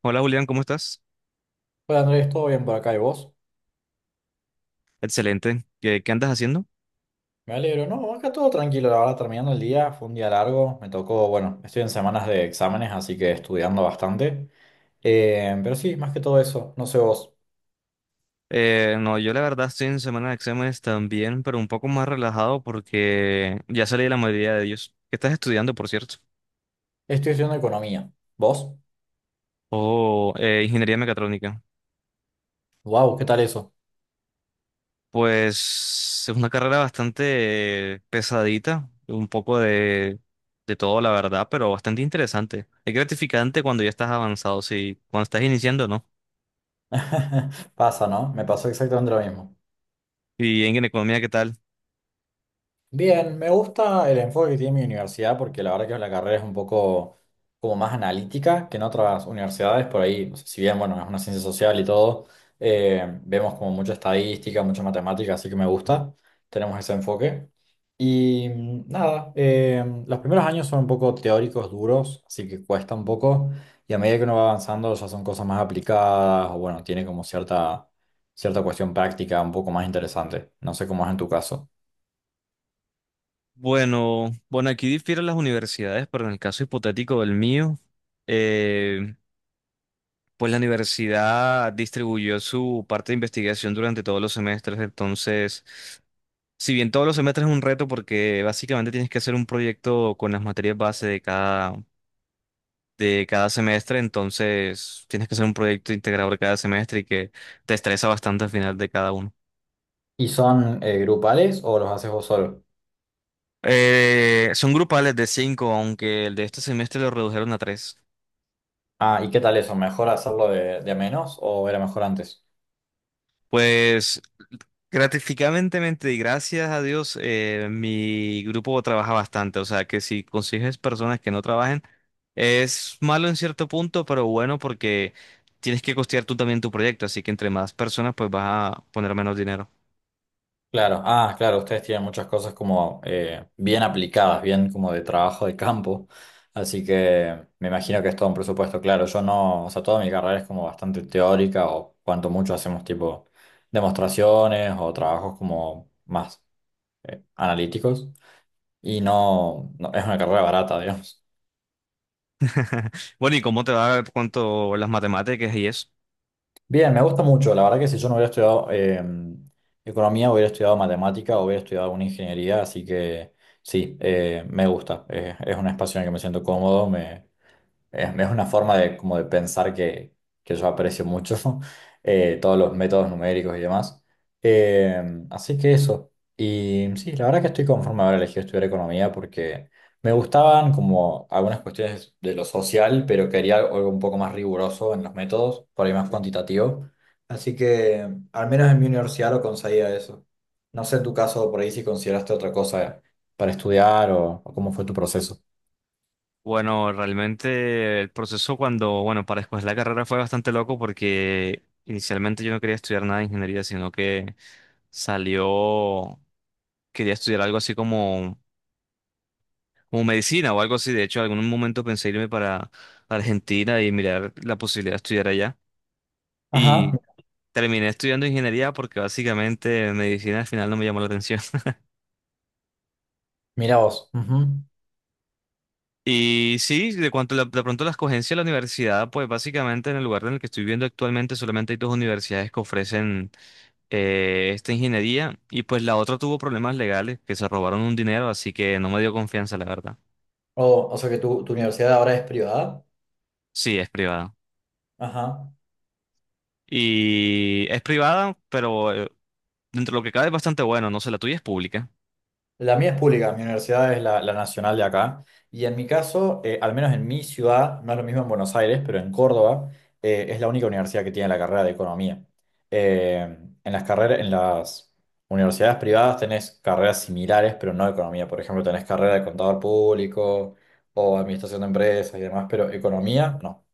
Hola Julián, ¿cómo estás? Hola Andrés, ¿todo bien por acá y vos? Excelente. ¿Qué andas haciendo? Me alegro, no, acá todo tranquilo, la verdad, terminando el día, fue un día largo, me tocó, bueno, estoy en semanas de exámenes, así que estudiando bastante. Pero sí, más que todo eso, no sé vos, No, yo la verdad estoy en semana de exámenes también, pero un poco más relajado porque ya salí de la mayoría de ellos. ¿Qué estás estudiando, por cierto? estoy estudiando economía, ¿vos? Oh, Ingeniería mecatrónica. Wow, ¿qué tal eso? Pues es una carrera bastante pesadita, de todo, la verdad, pero bastante interesante. Es gratificante cuando ya estás avanzado, sí, cuando estás iniciando, ¿no? Pasa, ¿no? Me pasó exactamente lo mismo. Y en economía, ¿qué tal? Bien, me gusta el enfoque que tiene mi universidad porque la verdad que la carrera es un poco como más analítica que en otras universidades, por ahí, o sea, si bien, bueno, es una ciencia social y todo, vemos como mucha estadística, mucha matemática, así que me gusta, tenemos ese enfoque. Y nada, los primeros años son un poco teóricos, duros, así que cuesta un poco, y a medida que uno va avanzando ya son cosas más aplicadas, o bueno, tiene como cierta, cierta cuestión práctica un poco más interesante, no sé cómo es en tu caso. Bueno, bueno, aquí difieren las universidades, pero en el caso hipotético del mío, eh, pues la universidad distribuyó su parte de investigación durante todos los semestres, entonces, si bien todos los semestres es un reto porque básicamente tienes que hacer un proyecto con las materias base de cada semestre, entonces tienes que hacer un proyecto integrado de cada semestre y que te estresa bastante al final de cada uno. ¿Y son grupales o los haces vos solo? Son grupales de 5, aunque el de este semestre lo redujeron a 3. Ah, ¿y qué tal eso? ¿Mejor hacerlo de a menos o era mejor antes? Pues gratificantemente y gracias a Dios, mi grupo trabaja bastante. O sea que si consigues personas que no trabajen, es malo en cierto punto, pero bueno porque tienes que costear tú también tu proyecto. Así que entre más personas, pues vas a poner menos dinero. Claro, ah, claro, ustedes tienen muchas cosas como bien aplicadas, bien como de trabajo de campo, así que me imagino que es todo un presupuesto, claro, yo no, o sea, toda mi carrera es como bastante teórica o cuanto mucho hacemos tipo demostraciones o trabajos como más analíticos y no, no, es una carrera barata, digamos. Bueno, ¿y cómo te va cuanto las matemáticas y eso? Bien, me gusta mucho. La verdad que si yo no hubiera estudiado economía, hubiera estudiado matemática, o hubiera estudiado alguna ingeniería, así que sí, me gusta. Es un espacio en el que me siento cómodo, me, es una forma de, como de pensar que yo aprecio mucho, todos los métodos numéricos y demás. Eh, Así que eso. Y sí, la verdad que estoy conforme a haber elegido estudiar economía porque me gustaban como algunas cuestiones de lo social, pero quería algo un poco más riguroso en los métodos, por ahí más cuantitativo. Así que al menos en mi universidad lo conseguía eso. No sé en tu caso por ahí si consideraste otra cosa para estudiar o cómo fue tu proceso. Bueno, realmente el proceso cuando, bueno, para escoger la carrera fue bastante loco porque inicialmente yo no quería estudiar nada de ingeniería, sino que salió, quería estudiar algo así como medicina o algo así. De hecho, en algún momento pensé irme para Argentina y mirar la posibilidad de estudiar allá. Ajá, Y terminé estudiando ingeniería porque básicamente medicina al final no me llamó la atención. mira vos. Ujú. Y sí, de pronto la escogencia de la universidad, pues básicamente en el lugar en el que estoy viviendo actualmente solamente hay 2 universidades que ofrecen esta ingeniería y pues la otra tuvo problemas legales que se robaron un dinero, así que no me dio confianza, la verdad. O sea que tu universidad ahora es privada. Sí, es privada. Ajá. Y es privada, pero dentro de lo que cabe es bastante bueno, no sé, la tuya es pública. La mía es pública, mi universidad es la nacional de acá. Y en mi caso, al menos en mi ciudad, no es lo mismo en Buenos Aires, pero en Córdoba, es la única universidad que tiene la carrera de economía. En las carreras, en las universidades privadas tenés carreras similares, pero no de economía. Por ejemplo, tenés carrera de contador público o administración de empresas y demás, pero economía no.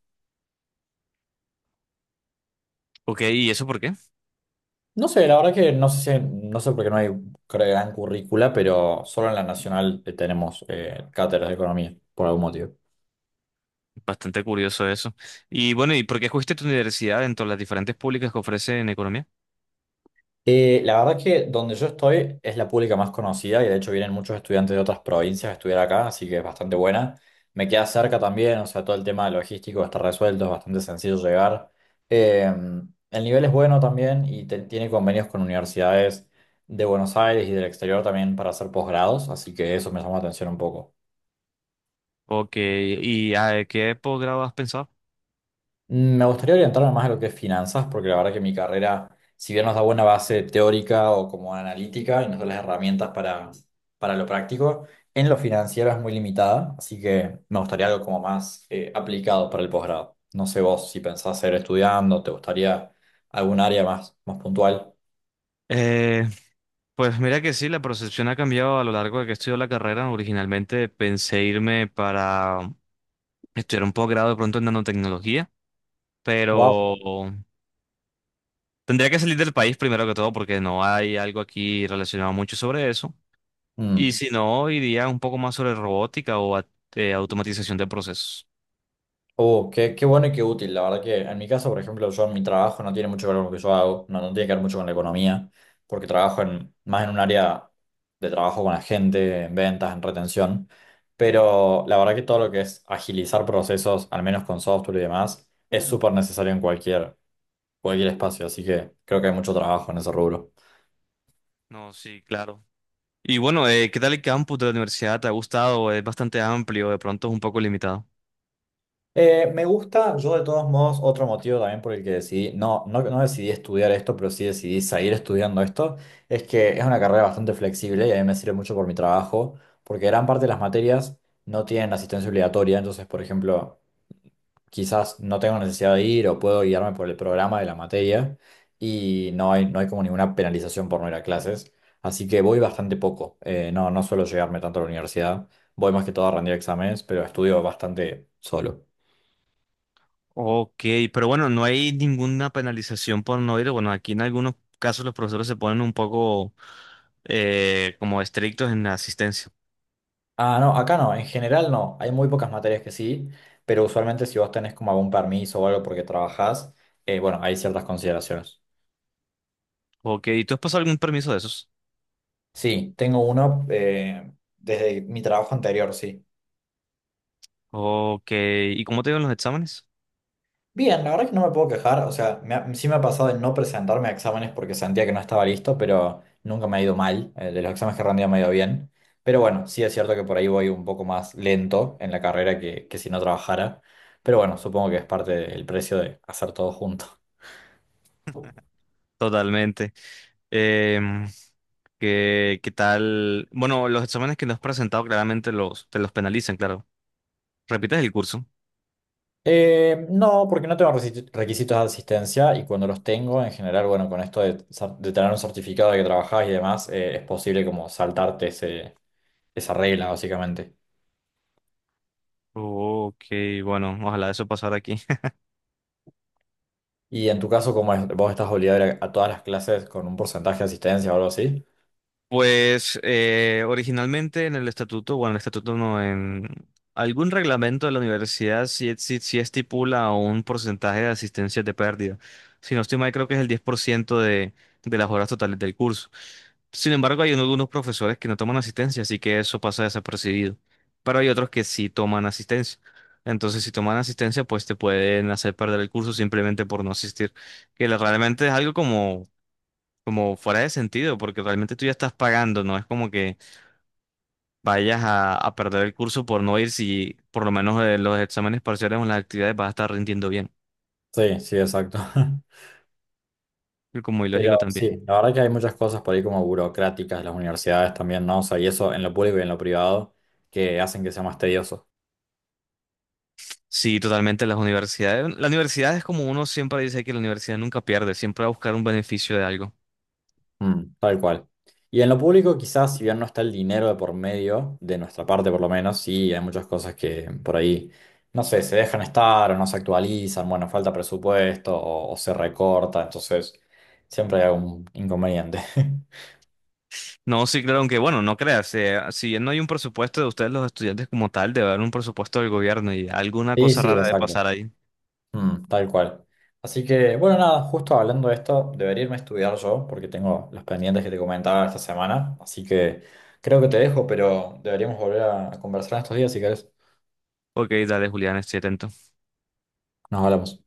Ok, ¿y eso por qué? No sé, la verdad que no sé si- no sé por qué no hay creo, gran currícula, pero solo en la nacional tenemos cátedras de economía, por algún motivo. Bastante curioso eso. Y bueno, ¿y por qué escogiste tu universidad dentro de las diferentes públicas que ofrecen economía? La verdad que donde yo estoy es la pública más conocida y de hecho vienen muchos estudiantes de otras provincias a estudiar acá, así que es bastante buena. Me queda cerca también, o sea, todo el tema logístico está resuelto, es bastante sencillo llegar. Eh, el nivel es bueno también y te- tiene convenios con universidades de Buenos Aires y del exterior también para hacer posgrados, así que eso me llama la atención un poco. Ok, ¿y a qué posgrado has pensado? Me gustaría orientarme más a lo que es finanzas, porque la verdad que mi carrera, si bien nos da buena base teórica o como analítica y nos da las herramientas para lo práctico, en lo financiero es muy limitada, así que me gustaría algo como más aplicado para el posgrado. No sé vos si pensás seguir estudiando, te gustaría algún área más, más puntual. Eh, pues mira que sí, la percepción ha cambiado a lo largo de que he estudiado la carrera. Originalmente pensé irme para estudiar un posgrado de pronto en nanotecnología, Wow. pero tendría que salir del país primero que todo porque no hay algo aquí relacionado mucho sobre eso. Y si no, iría un poco más sobre robótica automatización de procesos. Oh, qué, qué bueno y qué útil. La verdad que en mi caso, por ejemplo, yo en mi trabajo no tiene mucho que ver con lo que yo hago, no, no tiene que ver mucho con la economía, porque trabajo en, más en un área de trabajo con la gente, en ventas, en retención. Pero la verdad que todo lo que es agilizar procesos, al menos con software y demás, es súper necesario en cualquier, cualquier espacio. Así que creo que hay mucho trabajo en ese rubro. No, sí, claro. Y bueno, ¿qué tal el campus de la universidad? ¿Te ha gustado? Es bastante amplio, de pronto es un poco limitado. Me gusta, yo de todos modos, otro motivo también por el que decidí, no, no, no decidí estudiar esto, pero sí decidí seguir estudiando esto, es que es una carrera bastante flexible y a mí me sirve mucho por mi trabajo, porque gran parte de las materias no tienen asistencia obligatoria, entonces, por ejemplo, quizás no tengo necesidad de ir o puedo guiarme por el programa de la materia y no hay como ninguna penalización por no ir a clases, así que voy bastante poco. No, no suelo llegarme tanto a la universidad, voy más que todo a rendir exámenes, pero estudio bastante solo. Ok, pero bueno, no hay ninguna penalización por no ir. Bueno, aquí en algunos casos los profesores se ponen un poco como estrictos en la asistencia. Ah, no, acá no, en general no. Hay muy pocas materias que sí, pero usualmente si vos tenés como algún permiso o algo porque trabajás, bueno, hay ciertas consideraciones. Ok, ¿y tú has pasado algún permiso de esos? Sí, tengo uno desde mi trabajo anterior, sí. Ok, ¿y cómo te iban los exámenes? Bien, la verdad es que no me puedo quejar, o sea, me ha- sí me ha pasado de no presentarme a exámenes porque sentía que no estaba listo, pero nunca me ha ido mal. De los exámenes que he rendido me ha ido bien. Pero bueno, sí es cierto que por ahí voy un poco más lento en la carrera que si no trabajara. Pero bueno, supongo que es parte del precio de hacer todo junto. Totalmente. Em, ¿Qué tal? Bueno, los exámenes que nos has presentado claramente los, te los penalizan, claro. ¿Repites el curso? No, porque no tengo resi- requisitos de asistencia y cuando los tengo, en general, bueno, con esto de, cer- de tener un certificado de que trabajás y demás, es posible como saltarte ese, esa regla, básicamente. Ok, bueno, ojalá eso pasara aquí. Y en tu caso, como es, vos estás obligado a ir a todas las clases con un porcentaje de asistencia o algo así. Pues originalmente en el estatuto, bueno, el estatuto no, en algún reglamento de la universidad sí, sí estipula un porcentaje de asistencia de pérdida. Si no estoy mal, creo que es el 10% de las horas totales del curso. Sin embargo, hay algunos profesores que no toman asistencia, así que eso pasa desapercibido. Pero hay otros que sí toman asistencia. Entonces, si toman asistencia, pues te pueden hacer perder el curso simplemente por no asistir, realmente es algo como fuera de sentido, porque realmente tú ya estás pagando, no es como que vayas a perder el curso por no ir si por lo menos los exámenes parciales o las actividades vas a estar rindiendo bien. Sí, sí, exacto. Y como Pero ilógico también. sí, la verdad que hay muchas cosas por ahí como burocráticas, las universidades también, ¿no? O sea, y eso en lo público y en lo privado, que hacen que sea más tedioso. Sí, totalmente las universidades. La universidad es como uno siempre dice que la universidad nunca pierde, siempre va a buscar un beneficio de algo. Mm, tal cual. Y en lo público quizás, si bien no está el dinero de por medio, de nuestra parte por lo menos, sí, hay muchas cosas que por ahí, no sé, se dejan estar o no se actualizan, bueno, falta presupuesto o se recorta, entonces siempre hay algún inconveniente. No, sí, claro, aunque bueno, no creas, si bien no hay un presupuesto de ustedes, los estudiantes como tal, debe haber un presupuesto del gobierno y alguna Sí, cosa sí, rara de exacto. pasar ahí. Mm, tal cual. Así que, bueno, nada, justo hablando de esto, debería irme a estudiar yo porque tengo los pendientes que te comentaba esta semana, así que creo que te dejo, pero deberíamos volver a conversar en estos días si querés. Ok, dale, Julián, estoy atento. Nos hablamos.